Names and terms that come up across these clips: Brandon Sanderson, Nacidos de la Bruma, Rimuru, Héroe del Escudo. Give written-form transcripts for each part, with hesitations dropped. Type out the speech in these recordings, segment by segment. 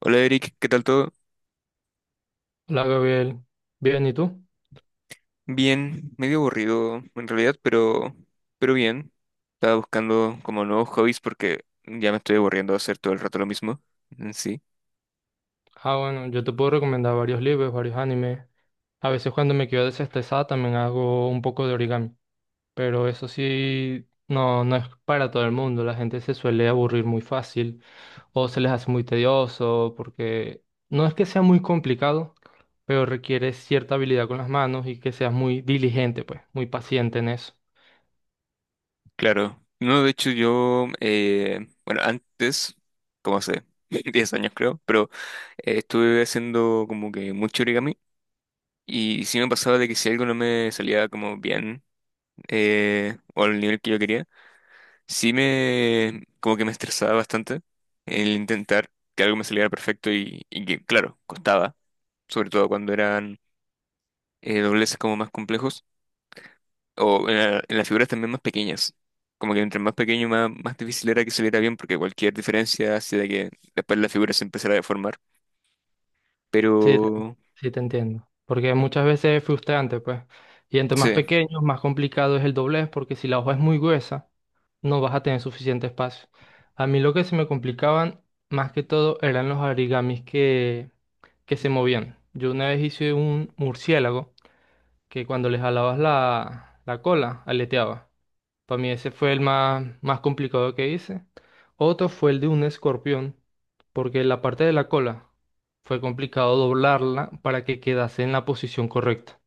Hola Eric, ¿qué tal todo? Hola Gabriel, bien, ¿y tú? Bien, medio aburrido en realidad, pero bien. Estaba buscando como nuevos hobbies porque ya me estoy aburriendo de hacer todo el rato lo mismo. Mm, sí, Ah, bueno, yo te puedo recomendar varios libros, varios animes. A veces cuando me quedo desestresada también hago un poco de origami, pero eso sí, no, no es para todo el mundo. La gente se suele aburrir muy fácil o se les hace muy tedioso porque no es que sea muy complicado, pero requiere cierta habilidad con las manos y que seas muy diligente, pues, muy paciente en eso. claro. No, de hecho yo, bueno, antes, como hace 10 años creo, pero estuve haciendo como que mucho origami y sí me pasaba de que si algo no me salía como bien o al nivel que yo quería. Sí me, como que me estresaba bastante el intentar que algo me saliera perfecto y que, claro, costaba, sobre todo cuando eran dobleces como más complejos o en las figuras también más pequeñas. Como que entre más pequeño, más difícil era que saliera bien, porque cualquier diferencia hacía que después la figura se empezara a deformar. Sí, te, Pero sí te entiendo. Porque muchas veces es frustrante, pues. Y entre más sí, pequeños, más complicado es el doblez, porque si la hoja es muy gruesa, no vas a tener suficiente espacio. A mí lo que se me complicaban más que todo eran los origamis que se movían. Yo una vez hice un murciélago que cuando le jalabas la cola, aleteaba. Para mí ese fue el más complicado que hice. Otro fue el de un escorpión, porque la parte de la cola fue complicado doblarla para que quedase en la posición correcta,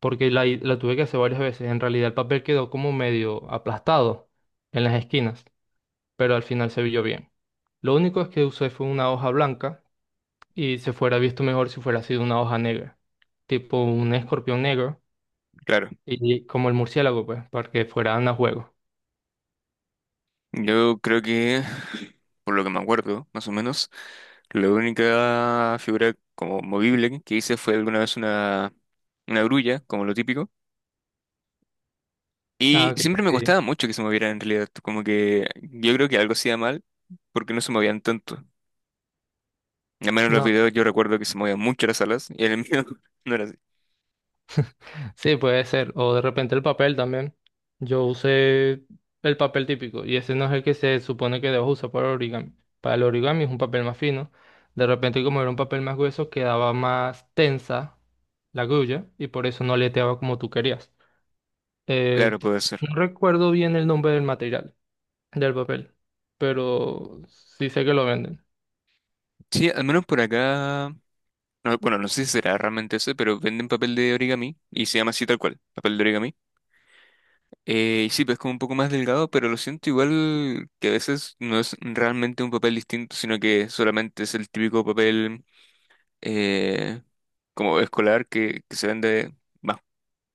porque la tuve que hacer varias veces. En realidad el papel quedó como medio aplastado en las esquinas, pero al final se vio bien. Lo único es que usé fue una hoja blanca y se fuera visto mejor si fuera sido una hoja negra, tipo un escorpión negro claro, y como el murciélago, pues, para que fueran a juego. yo creo que por lo que me acuerdo, más o menos. La única figura como movible que hice fue alguna vez una grulla, como lo típico. Ah, Y ok, siempre me sí. costaba mucho que se movieran en realidad. Como que yo creo que algo hacía mal, porque no se movían tanto. Al menos en los No, videos yo recuerdo que se movían mucho las alas y en el mío no era así. sí, puede ser. O de repente el papel también. Yo usé el papel típico y ese no es el que se supone que debo usar para origami. Para el origami es un papel más fino. De repente, como era un papel más grueso, quedaba más tensa la grulla y por eso no aleteaba como tú querías. Eh, Claro, puede ser. no recuerdo bien el nombre del material, del papel, pero sí sé que lo venden. Sí, al menos por acá. No, bueno, no sé si será realmente ese, pero venden papel de origami y se llama así tal cual, papel de origami. Y sí, pues como un poco más delgado, pero lo siento igual que a veces no es realmente un papel distinto, sino que solamente es el típico papel eh, como escolar que se vende más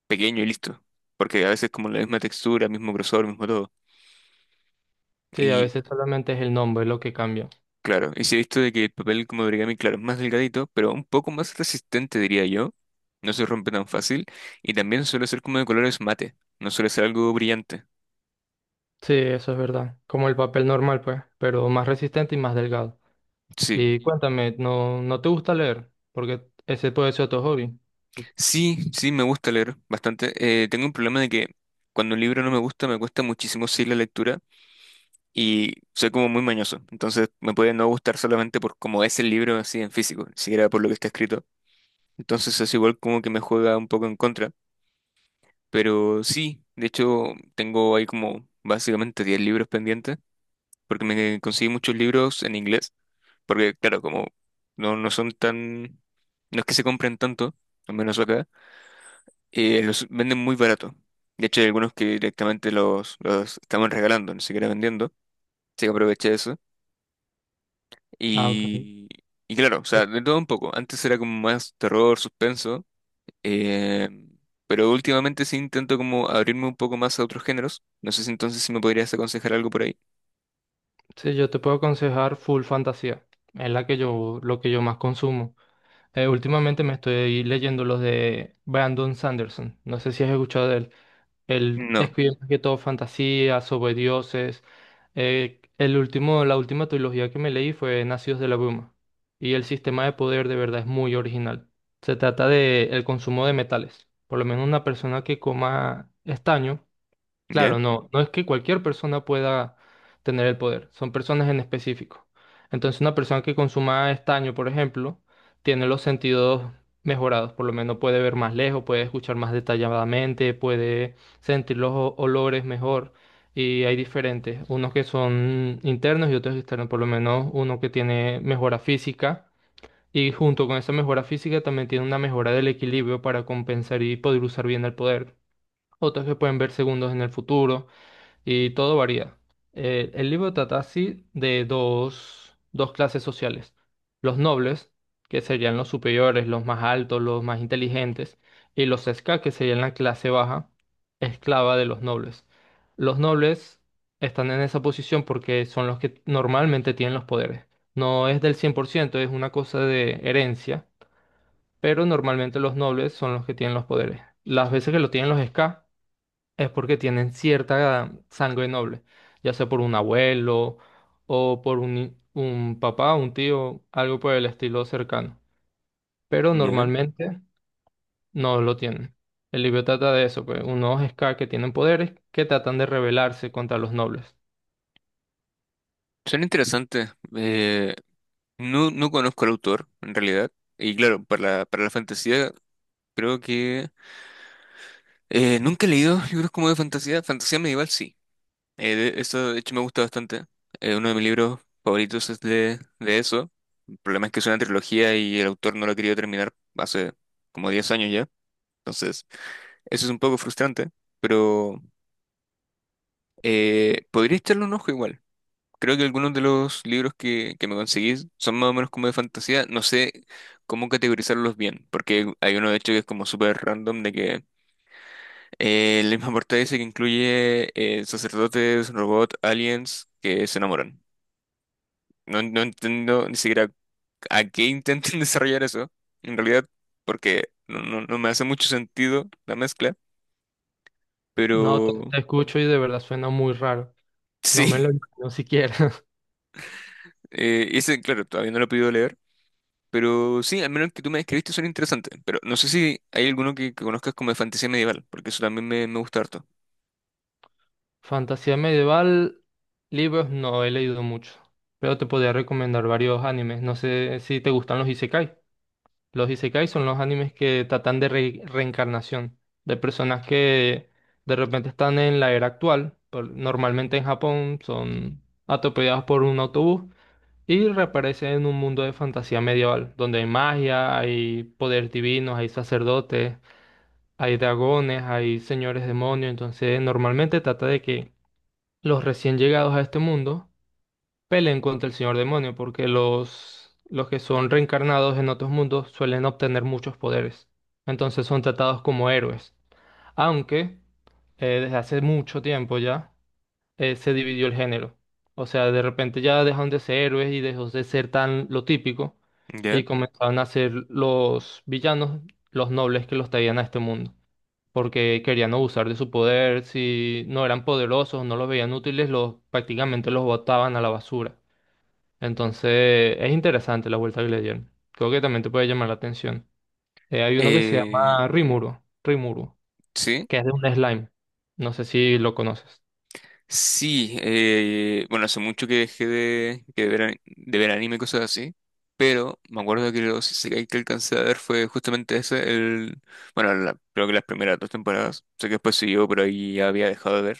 pequeño y listo. Porque a veces como la misma textura, mismo grosor, mismo todo. Sí, a Y veces solamente es el nombre lo que cambia. claro, y sí he visto de que el papel como de origami, claro, es más delgadito, pero un poco más resistente, diría yo. No se rompe tan fácil. Y también suele ser como de colores mate, no suele ser algo brillante. Sí, eso es verdad. Como el papel normal, pues, pero más resistente y más delgado. Sí. Y cuéntame, ¿no, no te gusta leer? Porque ese puede ser tu hobby. Sí, sí, me gusta leer bastante. Tengo un problema de que cuando un libro no me gusta, me cuesta muchísimo seguir la lectura y soy como muy mañoso. Entonces me puede no gustar solamente por cómo es el libro así en físico, ni siquiera por lo que está escrito. Entonces es igual como que me juega un poco en contra. Pero sí, de hecho tengo ahí como básicamente 10 libros pendientes, porque me conseguí muchos libros en inglés. Porque claro, como no son tan. No es que se compren tanto, al menos acá. Los venden muy barato. De hecho, hay algunos que directamente los estaban regalando, ni siquiera vendiendo. Así que aproveché eso. Ah, ok. Y, y claro, o sea, de todo un poco. Antes era como más terror, suspenso. eh, pero últimamente sí intento como abrirme un poco más a otros géneros. No sé si entonces si me podrías aconsejar algo por ahí. Sí, yo te puedo aconsejar full fantasía. Es la que lo que yo más consumo. Últimamente me estoy leyendo los de Brandon Sanderson. No sé si has escuchado de él. Él No. escribe más que todo fantasías sobre dioses. La última trilogía que me leí fue Nacidos de la Bruma. Y el sistema de poder de verdad es muy original. Se trata de el consumo de metales. Por lo menos una persona que coma estaño. ¿Ya? Claro, no, no es que cualquier persona pueda tener el poder, son personas en específico. Entonces, una persona que consuma estaño, por ejemplo, tiene los sentidos mejorados, por lo menos puede ver más lejos, puede escuchar más detalladamente, puede sentir los olores mejor. Y hay diferentes, unos que son internos y otros externos, por lo menos uno que tiene mejora física y junto con esa mejora física también tiene una mejora del equilibrio para compensar y poder usar bien el poder. Otros que pueden ver segundos en el futuro y todo varía. El libro trata así de dos clases sociales. Los nobles, que serían los superiores, los más altos, los más inteligentes, y los ska, que serían la clase baja, esclava de los nobles. Los nobles están en esa posición porque son los que normalmente tienen los poderes. No es del 100%, es una cosa de herencia, pero normalmente los nobles son los que tienen los poderes. Las veces que lo tienen los ska, es porque tienen cierta sangre noble, ya sea por un abuelo o por un papá, un tío, algo por el estilo cercano. Pero ¿Ya? normalmente no lo tienen. El libro trata de eso, pues, unos Scar que tienen poderes que tratan de rebelarse contra los nobles. Son interesantes. No conozco al autor, en realidad. Y claro, para la fantasía, creo que. Nunca he leído libros como de fantasía. Fantasía medieval, sí. Eso, de hecho, me gusta bastante. Uno de mis libros favoritos es de eso. El problema es que es una trilogía y el autor no lo ha querido terminar hace como 10 años ya. Entonces, eso es un poco frustrante. Pero podría echarle un ojo igual. Creo que algunos de los libros que me conseguís son más o menos como de fantasía. No sé cómo categorizarlos bien, porque hay uno de hecho que es como súper random de que la misma portada dice que incluye sacerdotes, robots, aliens que se enamoran. No entiendo ni siquiera a qué intentan desarrollar eso, en realidad, porque no me hace mucho sentido la mezcla, No, te, pero te escucho y de verdad suena muy raro. No me lo sí, imagino siquiera. Ese, claro, todavía no lo he podido leer, pero sí, al menos el que tú me describiste son interesantes, pero no sé si hay alguno que conozcas como de fantasía medieval, porque eso también me gusta harto. Fantasía medieval, libros no he leído mucho, pero te podría recomendar varios animes. No sé si te gustan los isekai. Los isekai son los animes que tratan de reencarnación, de personas que de repente están en la era actual, por- normalmente en Japón son atropellados por un autobús y reaparecen en un mundo de fantasía medieval, donde hay magia, hay poderes divinos, hay sacerdotes, hay dragones, hay señores demonios, entonces normalmente trata de que los recién llegados a este mundo peleen contra el señor demonio, porque los que son reencarnados en otros mundos suelen obtener muchos poderes. Entonces son tratados como héroes. Aunque desde hace mucho tiempo ya se dividió el género. O sea, de repente ya dejaron de ser héroes y dejó de ser tan lo típico ¿Ya? y comenzaron a ser los villanos, los nobles que los traían a este mundo. Porque querían abusar de su poder, si no eran poderosos, no los veían útiles, los, prácticamente los botaban a la basura. Entonces, es interesante la vuelta que le dieron. Creo que también te puede llamar la atención. Hay uno que se Eh, llama Rimuru, sí. que es de un slime. No sé si lo conoces. Sí, bueno, hace mucho que dejé de ver anime y cosas así, pero me acuerdo que los isekai que alcancé a ver fue justamente ese, bueno, creo que las primeras dos temporadas. Sé que después siguió, pero ahí ya había dejado de ver.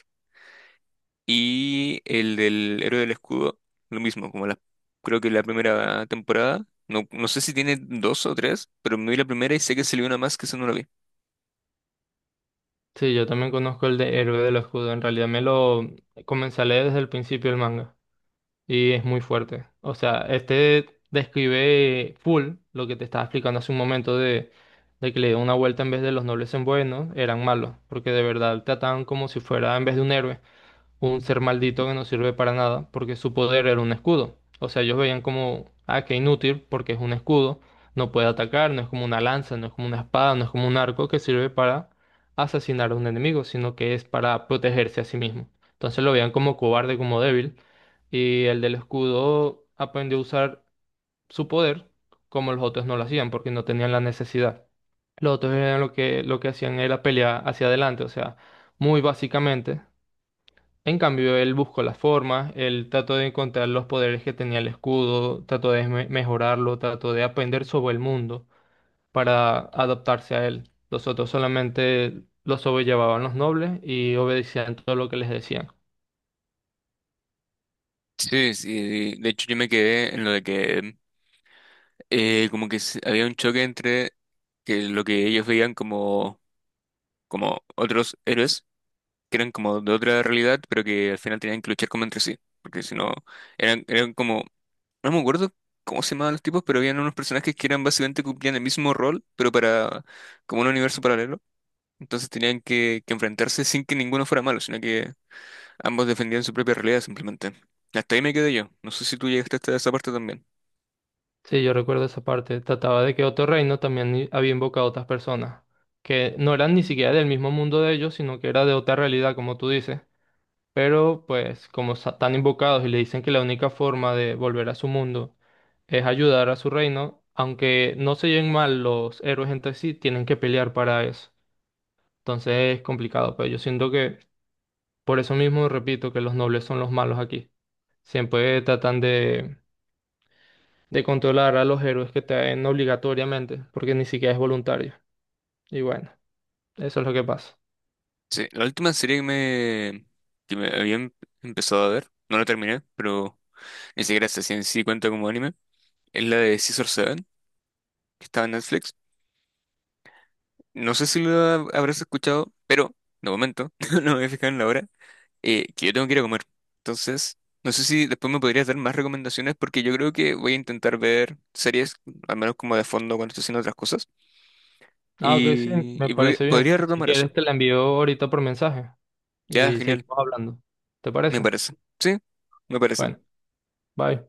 Y el del Héroe del Escudo, lo mismo, como creo que la primera temporada, no sé si tiene dos o tres, pero me vi la primera y sé que salió una más que esa no la vi. Sí, yo también conozco el de Héroe del Escudo. En realidad me lo comencé a leer desde el principio del manga. Y es muy fuerte. O sea, este describe full lo que te estaba explicando hace un momento de que le dio una vuelta en vez de los nobles en buenos, eran malos. Porque de verdad trataban como si fuera en vez de un héroe un ser maldito que no sirve para nada porque su poder era un escudo. O sea, ellos veían como, ah, que inútil porque es un escudo, no puede atacar, no es como una lanza, no es como una espada, no es como un arco que sirve para asesinar a un enemigo, sino que es para protegerse a sí mismo. Entonces lo veían como cobarde, como débil, y el del escudo aprendió a usar su poder como los otros no lo hacían porque no tenían la necesidad. Los otros eran lo que hacían era pelear hacia adelante, o sea, muy básicamente en cambio, él buscó las formas, él trató de encontrar los poderes que tenía el escudo, trató de mejorarlo, trató de aprender sobre el mundo para adaptarse a él. Los otros solamente los sobrellevaban los nobles y obedecían todo lo que les decían. Sí, sí, de hecho yo me quedé en lo de que como que había un choque entre que lo que ellos veían como otros héroes, que eran como de otra realidad, pero que al final tenían que luchar como entre sí, porque si no, eran como, no me acuerdo cómo se llamaban los tipos, pero habían unos personajes que eran básicamente cumplían el mismo rol, pero para como un universo paralelo. Entonces tenían que enfrentarse sin que ninguno fuera malo, sino que ambos defendían su propia realidad simplemente. Hasta ahí me quedé yo. No sé si tú llegaste hasta esa parte también. Sí, yo recuerdo esa parte. Trataba de que otro reino también había invocado a otras personas, que no eran ni siquiera del mismo mundo de ellos, sino que era de otra realidad, como tú dices. Pero pues como están invocados y le dicen que la única forma de volver a su mundo es ayudar a su reino, aunque no se lleven mal los héroes entre sí, tienen que pelear para eso. Entonces es complicado, pero yo siento que por eso mismo repito que los nobles son los malos aquí. Siempre tratan de controlar a los héroes que traen obligatoriamente, porque ni siquiera es voluntario. Y bueno, eso es lo que pasa. Sí, la última serie que me había empezado a ver, no la terminé, pero ni siquiera sé si en sí cuenta como anime, es la de Scissor Seven, que estaba en Netflix. No sé si la habrás escuchado, pero de momento no me he fijado en la hora, que yo tengo que ir a comer. Entonces, no sé si después me podrías dar más recomendaciones, porque yo creo que voy a intentar ver series, al menos como de fondo cuando estoy haciendo otras cosas, Ah, ok, sí, me parece bien. podría Si retomar eso. quieres te la envío ahorita por mensaje Ya, y genial, seguimos hablando. ¿Te me parece? parece. Sí, me Bueno, parece. bye.